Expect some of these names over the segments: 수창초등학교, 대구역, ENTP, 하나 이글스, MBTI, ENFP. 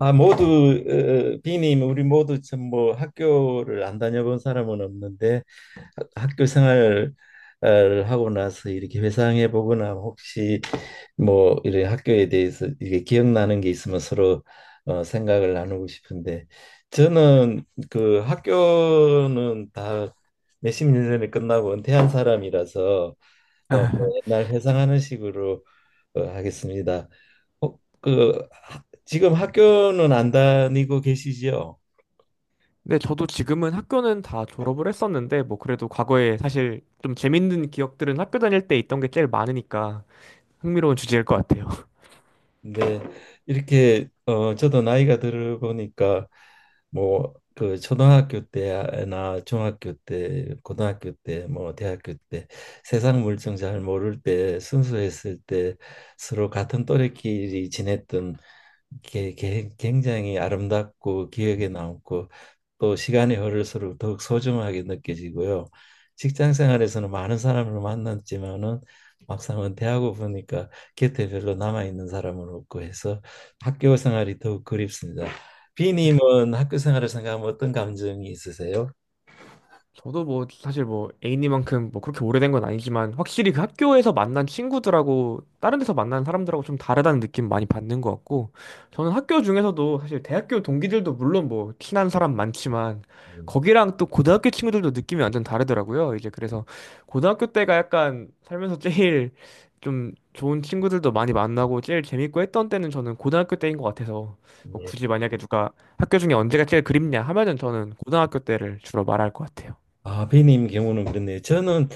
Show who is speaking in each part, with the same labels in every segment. Speaker 1: 아, 모두, 비님, 우리 모두 참 뭐 학교를 안 다녀본 사람은 없는데, 학교 생활을 하고 나서 이렇게 회상해 보거나 혹시 뭐 이런 학교에 대해서 이게 기억나는 게 있으면 서로 생각을 나누고 싶은데, 저는 그 학교는 다 몇십 년 전에 끝나고 은퇴한 사람이라서, 어, 옛날 회상하는 식으로 하겠습니다. 그 지금 학교는 안 다니고 계시죠?
Speaker 2: 네, 저도 지금은 학교는 다 졸업을 했었는데, 뭐, 그래도 과거에 사실 좀 재밌는 기억들은 학교 다닐 때 있던 게 제일 많으니까 흥미로운 주제일 것 같아요.
Speaker 1: 네, 이렇게 저도 나이가 들어보니까, 뭐 그 초등학교 때나 중학교 때, 고등학교 때, 뭐 대학교 때, 세상 물정 잘 모를 때, 순수했을 때, 서로 같은 또래끼리 지냈던 굉장히 아름답고 기억에 남고, 또 시간이 흐를수록 더욱 소중하게 느껴지고요. 직장 생활에서는 많은 사람을 만났지만은 막상은 대하고 보니까 곁에 별로 남아 있는 사람은 없고 해서 학교 생활이 더욱 그립습니다. 비님은 학교 생활을 생각하면 어떤 감정이 있으세요?
Speaker 2: 저도 뭐 사실 뭐 A님만큼 뭐 그렇게 오래된 건 아니지만, 확실히 그 학교에서 만난 친구들하고 다른 데서 만난 사람들하고 좀 다르다는 느낌 많이 받는 것 같고, 저는 학교 중에서도 사실 대학교 동기들도 물론 뭐 친한 사람 많지만,
Speaker 1: 음.
Speaker 2: 거기랑 또 고등학교 친구들도 느낌이 완전 다르더라고요. 이제 그래서 고등학교 때가 약간 살면서 제일 좀 좋은 친구들도 많이 만나고 제일 재밌고 했던 때는 저는 고등학교 때인 것 같아서, 뭐
Speaker 1: 예.
Speaker 2: 굳이 만약에 누가 학교 중에 언제가 제일 그립냐 하면은 저는 고등학교 때를 주로 말할 것 같아요.
Speaker 1: 아, 비님 경우는 그렇네요. 저는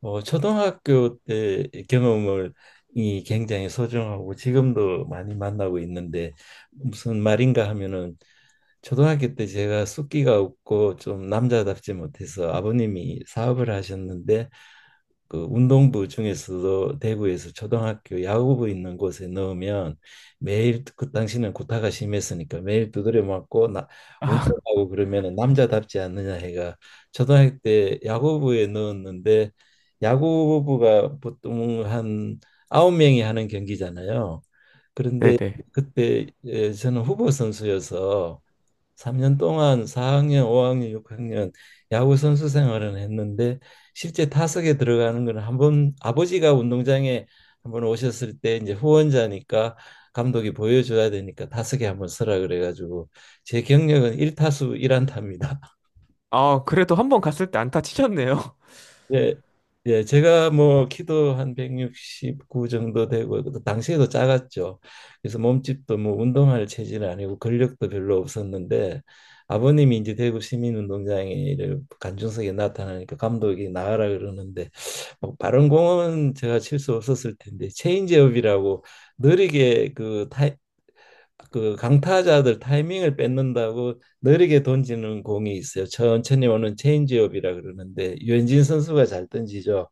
Speaker 1: 초등학교 때 경험을 이 굉장히 소중하고 지금도 많이 만나고 있는데, 무슨 말인가 하면은, 초등학교 때 제가 숫기가 없고 좀 남자답지 못해서 아버님이 사업을 하셨는데, 그 운동부 중에서도 대구에서 초등학교 야구부 있는 곳에 넣으면 매일, 그 당시는 구타가 심했으니까 매일 두드려 맞고 나,
Speaker 2: 아,
Speaker 1: 운동하고 그러면 남자답지 않느냐 해가 초등학교 때 야구부에 넣었는데, 야구부가 보통 한 아홉 명이 하는 경기잖아요. 그런데
Speaker 2: 네네.
Speaker 1: 그때 예, 저는 후보 선수여서 3년 동안 4학년, 5학년, 6학년 야구 선수 생활은 했는데, 실제 타석에 들어가는 건 한 번, 아버지가 운동장에 한번 오셨을 때, 이제 후원자니까 감독이 보여줘야 되니까 타석에 한번 서라 그래가지고, 제 경력은 1타수 1안타입니다.
Speaker 2: 아, 그래도 한 번 갔을 때 안타 치셨네요.
Speaker 1: 예, 예, 제가 뭐 키도 한 169 정도 되고 그 당시에도 작았죠. 그래서 몸집도 뭐 운동할 체질은 아니고 근력도 별로 없었는데, 아버님이 이제 대구 시민운동장에를 관중석에 나타나니까 감독이 나가라 그러는데, 뭐 빠른 공은 제가 칠 수 없었을 텐데, 체인지업이라고 느리게, 그 그 강타자들 타이밍을 뺏는다고 느리게 던지는 공이 있어요. 천천히 오는 체인지업이라 그러는데, 유현진 선수가 잘 던지죠.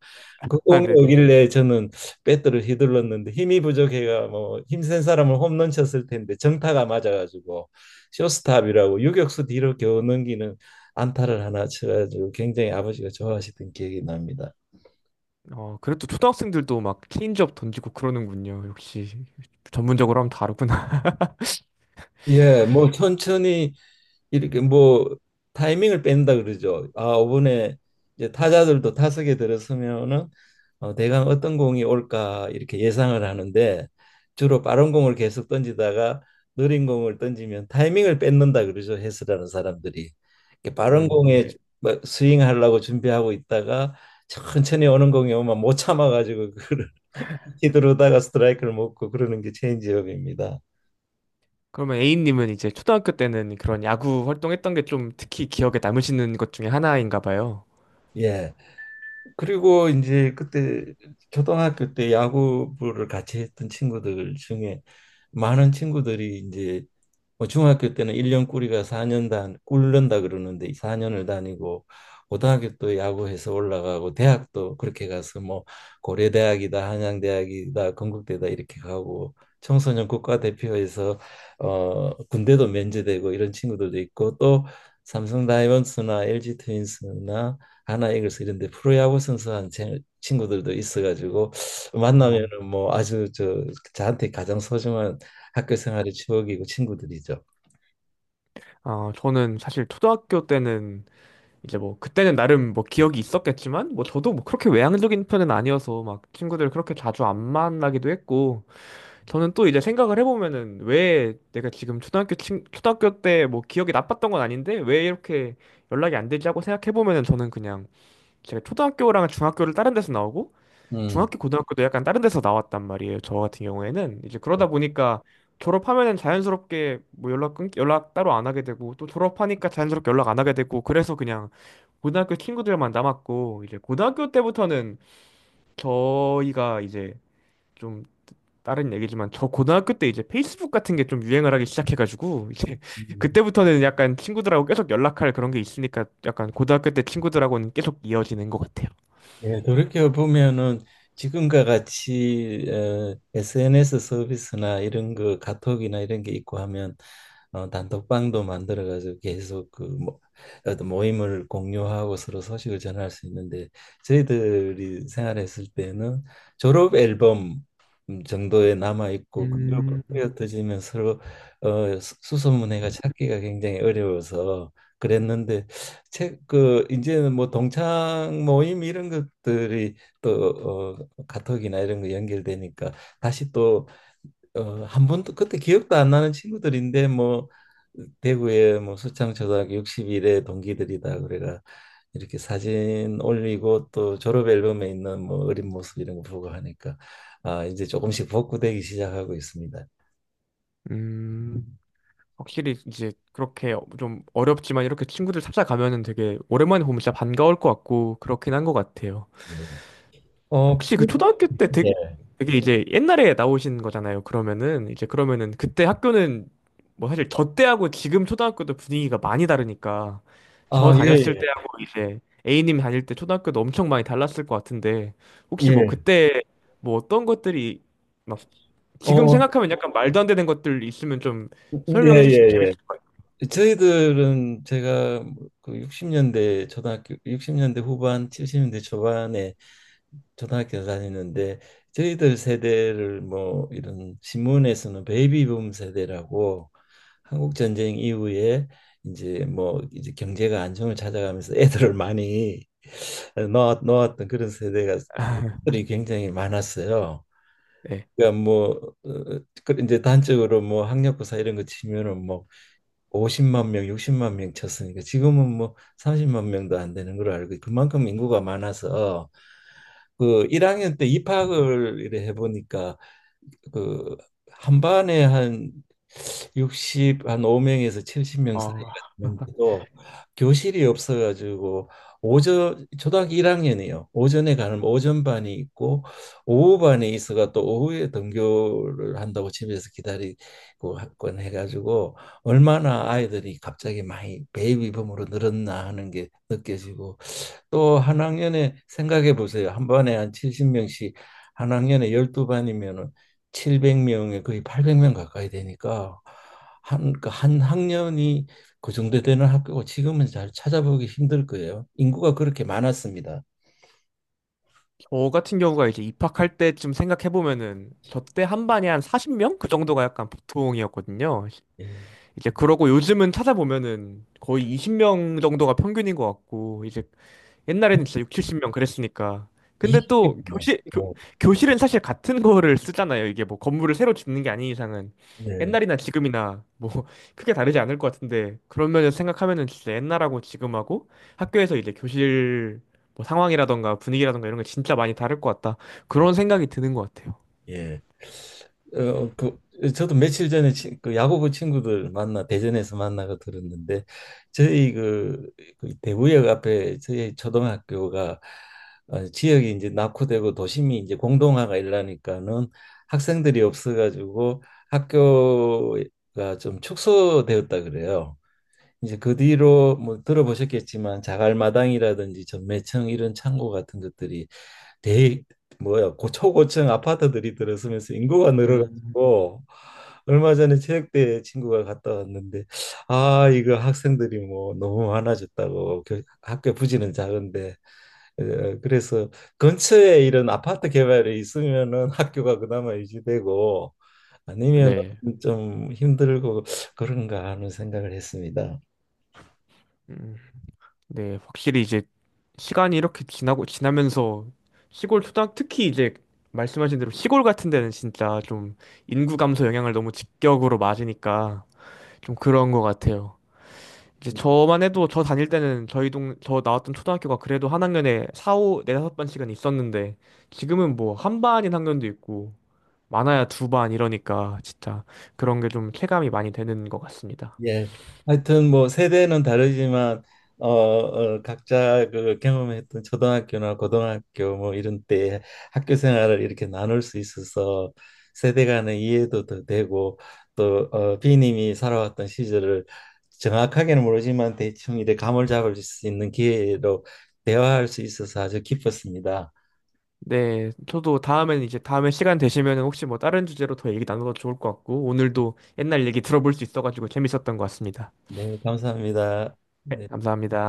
Speaker 1: 그
Speaker 2: 아,
Speaker 1: 공이
Speaker 2: 네네.
Speaker 1: 오길래 저는 배트를 휘둘렀는데, 힘이 부족해가 뭐 힘센 사람을 홈런 쳤을 텐데 정타가 맞아가지고 쇼스탑이라고 유격수 뒤로 겨우 넘기는 안타를 하나 쳐가지고 굉장히 아버지가 좋아하시던 기억이 납니다.
Speaker 2: 어, 그래도 초등학생들도 막 체인지업 던지고 그러는군요. 역시 전문적으로 하면 다르구나.
Speaker 1: 예, 뭐 천천히 이렇게 뭐 타이밍을 뺀다 그러죠. 아, 이번에 이제 타자들도 타석에 들어서면은 대강 어떤 공이 올까 이렇게 예상을 하는데, 주로 빠른 공을 계속 던지다가 느린 공을 던지면 타이밍을 뺏는다 그러죠, 해설하는 사람들이. 이렇게 빠른 공에
Speaker 2: 네.
Speaker 1: 막 스윙하려고 준비하고 있다가 천천히 오는 공이 오면 못 참아가지고 그걸 휘두르다가 스트라이크를 먹고 그러는 게 체인지업입니다.
Speaker 2: 그러면 A님은 이제 초등학교 때는 그런 야구 활동했던 게 좀 특히 기억에 남으시는 것 중에 하나인가 봐요.
Speaker 1: 예. 그리고 이제 그때 초등학교 때 야구부를 같이 했던 친구들 중에 많은 친구들이 이제, 뭐 중학교 때는 일년 꾸리가 사년단 꿀른다 그러는데 사년을 다니고 고등학교 또 야구해서 올라가고 대학도 그렇게 가서, 뭐 고려대학이다 한양대학이다 건국대다 이렇게 가고, 청소년 국가대표에서 군대도 면제되고 이런 친구들도 있고, 또 삼성 다이먼스나 LG 트윈스나 하나 이글스 이런데 프로야구 선수한 친구들도 있어가지고,
Speaker 2: 어,
Speaker 1: 만나면은 뭐 아주 저한테 가장 소중한 학교 생활의 추억이고 친구들이죠.
Speaker 2: 아, 저는 사실 초등학교 때는 이제 뭐 그때는 나름 뭐 기억이 있었겠지만, 뭐 저도 뭐 그렇게 외향적인 편은 아니어서 막 친구들 그렇게 자주 안 만나기도 했고, 저는 또 이제 생각을 해보면은 왜 내가 지금 초등학교 때 뭐 기억이 나빴던 건 아닌데 왜 이렇게 연락이 안 되지 하고 생각해보면은, 저는 그냥 제가 초등학교랑 중학교를 다른 데서 나오고
Speaker 1: 음.
Speaker 2: 중학교 고등학교도 약간 다른 데서 나왔단 말이에요. 저 같은 경우에는 이제 그러다 보니까 졸업하면은 자연스럽게 뭐 연락 따로 안 하게 되고 또 졸업하니까 자연스럽게 연락 안 하게 되고 그래서 그냥 고등학교 친구들만 남았고, 이제 고등학교 때부터는 저희가 이제, 좀 다른 얘기지만, 저 고등학교 때 이제 페이스북 같은 게 좀 유행을 하기 시작해가지고 이제 그때부터는 약간 친구들하고 계속 연락할 그런 게 있으니까 약간 고등학교 때 친구들하고는 계속 이어지는 것 같아요.
Speaker 1: 예, 돌이켜 보면은, 지금과 같이 SNS 서비스나 이런 거 카톡이나 이런 게 있고 하면 단톡방도 만들어 가지고 계속 그 뭐, 어떤 모임을 공유하고 서로 소식을 전할 수 있는데, 저희들이 생활했을 때는 졸업 앨범 정도에 남아 있고, 그리고
Speaker 2: 음,
Speaker 1: 흩어지면 서로 수소문해가 찾기가 굉장히 어려워서 그랬는데, 책그 이제는 뭐 동창 모임 이런 것들이 또 카톡이나 이런 거 연결되니까, 다시 또 한 번도 그때 기억도 안 나는 친구들인데, 뭐 대구에 뭐 수창초등학교 60일에 동기들이다 그래가 이렇게 사진 올리고 또 졸업 앨범에 있는 뭐 어린 모습 이런 거 보고 하니까, 아, 이제 조금씩 복구되기 시작하고 있습니다.
Speaker 2: 음, 확실히 이제 그렇게 좀 어렵지만 이렇게 친구들 찾아가면은 되게 오랜만에 보면 진짜 반가울 것 같고, 그렇긴 한 것 같아요.
Speaker 1: 예. 어,
Speaker 2: 혹시 그 초등학교 때 되게,
Speaker 1: 예.
Speaker 2: 되게 이제 옛날에 나오신 거잖아요. 그러면은 이제, 그러면은 그때 학교는, 뭐 사실 저 때하고 지금 초등학교도 분위기가 많이 다르니까 저
Speaker 1: 아,
Speaker 2: 다녔을
Speaker 1: 예,
Speaker 2: 때하고 이제 A님 다닐 때 초등학교도 엄청 많이 달랐을 것 같은데,
Speaker 1: 예.
Speaker 2: 혹시 뭐
Speaker 1: 예.
Speaker 2: 그때 뭐 어떤 것들이 막 지금
Speaker 1: 어,
Speaker 2: 생각하면 약간 말도 안 되는 것들 있으면 좀
Speaker 1: 예,
Speaker 2: 설명해 주시면
Speaker 1: 예,
Speaker 2: 재밌을 것 같아요.
Speaker 1: 예. 저희들은 제가, 그 60년대, 초등학교 60년대 후반 70년대 초반에 초등학교 다니는데, 저희들 세대를 뭐 이런 신문에서는 베이비붐 세대라고, 한국 전쟁 이후에 이제 뭐 이제 경제가 안정을 찾아가면서 애들을 많이 놓았던 그런 세대가 들이 굉장히 많았어요.
Speaker 2: 네.
Speaker 1: 그러니까 뭐 그 이제 단적으로 뭐 학력고사 이런 거 치면은 뭐 50만 명, 60만 명 쳤으니까 지금은 뭐 30만 명도 안 되는 걸로 알고, 그만큼 인구가 많아서 그 1학년 때 입학을 이래 해보니까, 그 한 반에 한6십한 5명에서 70명 사이가
Speaker 2: 어,
Speaker 1: 되는데도 교실이 없어가지고, 오전 초등학교 1학년이요. 오전에 가는 오전 반이 있고 오후 반에 있어가 또 오후에 등교를 한다고 집에서 기다리고 학원 해가지고, 얼마나 아이들이 갑자기 많이 베이비붐으로 늘었나 하는 게 느껴지고, 또 한 학년에 생각해 보세요. 한 반에 한 70명씩 한 학년에 12반이면은 700명에 거의 800명 가까이 되니까, 그한 학년이 그 정도 되는 학교고, 지금은 잘 찾아보기 힘들 거예요. 인구가 그렇게 많았습니다.
Speaker 2: 저 같은 경우가 이제 입학할 때쯤 생각해보면은 저 때 한 반에 한 40명? 그 정도가 약간 보통이었거든요.
Speaker 1: 예.
Speaker 2: 이제 그러고 요즘은 찾아보면은 거의 20명 정도가 평균인 것 같고, 이제 옛날에는 진짜 6, 70명 그랬으니까. 근데
Speaker 1: 이십
Speaker 2: 또
Speaker 1: 명.
Speaker 2: 교실은 사실 같은 거를 쓰잖아요. 이게 뭐 건물을 새로 짓는 게 아닌 이상은
Speaker 1: 예.
Speaker 2: 옛날이나 지금이나 뭐 크게 다르지 않을 것 같은데, 그런면서 생각하면은 진짜 옛날하고 지금하고 학교에서 이제 교실 뭐 상황이라던가 분위기라던가 이런 게 진짜 많이 다를 것 같다, 그런 생각이 드는 것 같아요.
Speaker 1: 예. 그, 저도 며칠 전에 그 야구부 친구들 만나 대전에서 만나고 들었는데, 저희 그 대구역 앞에 저희 초등학교가, 지역이 이제 낙후되고 도심이 이제 공동화가 일라니까는 학생들이 없어가지고 학교가 좀 축소되었다 그래요. 이제 그 뒤로 뭐 들어보셨겠지만 자갈마당이라든지 전매청 이런 창고 같은 것들이, 대 뭐야 고 초고층 아파트들이 들어서면서 인구가
Speaker 2: 음,
Speaker 1: 늘어가지고, 얼마 전에 체육대회 친구가 갔다 왔는데, 아, 이거 학생들이 뭐 너무 많아졌다고, 학교 부지는 작은데 그래서 근처에 이런 아파트 개발이 있으면은 학교가 그나마 유지되고, 아니면은
Speaker 2: 네.
Speaker 1: 좀 힘들고 그런가 하는 생각을 했습니다.
Speaker 2: 음. 네, 확실히 이제 시간이 이렇게 지나고 지나면서 시골 초등 특히 이제 말씀하신 대로 시골 같은 데는 진짜 좀 인구 감소 영향을 너무 직격으로 맞으니까 좀 그런 것 같아요. 이제
Speaker 1: 네.
Speaker 2: 저만 해도 저 다닐 때는 저희 동 저 나왔던 초등학교가 그래도 한 학년에 4, 5, 4, 5반씩은 있었는데, 지금은 뭐 한 반인 학년도 있고 많아야 두 반 이러니까 진짜 그런 게 좀 체감이 많이 되는 것 같습니다.
Speaker 1: 예. 하여튼 뭐 세대는 다르지만 각자 그 경험했던 초등학교나 고등학교 뭐 이런 때 학교 생활을 이렇게 나눌 수 있어서 세대 간의 이해도 더 되고, 또 B 님이 살아왔던 시절을 정확하게는 모르지만 대충 이렇게 감을 잡을 수 있는 기회로 대화할 수 있어서 아주 기뻤습니다.
Speaker 2: 네, 저도 다음에는 이제 다음에 시간 되시면 혹시 뭐 다른 주제로 더 얘기 나눠도 좋을 것 같고, 오늘도 옛날 얘기 들어볼 수 있어가지고 재밌었던 것 같습니다.
Speaker 1: 네, 감사합니다.
Speaker 2: 네,
Speaker 1: 네.
Speaker 2: 감사합니다.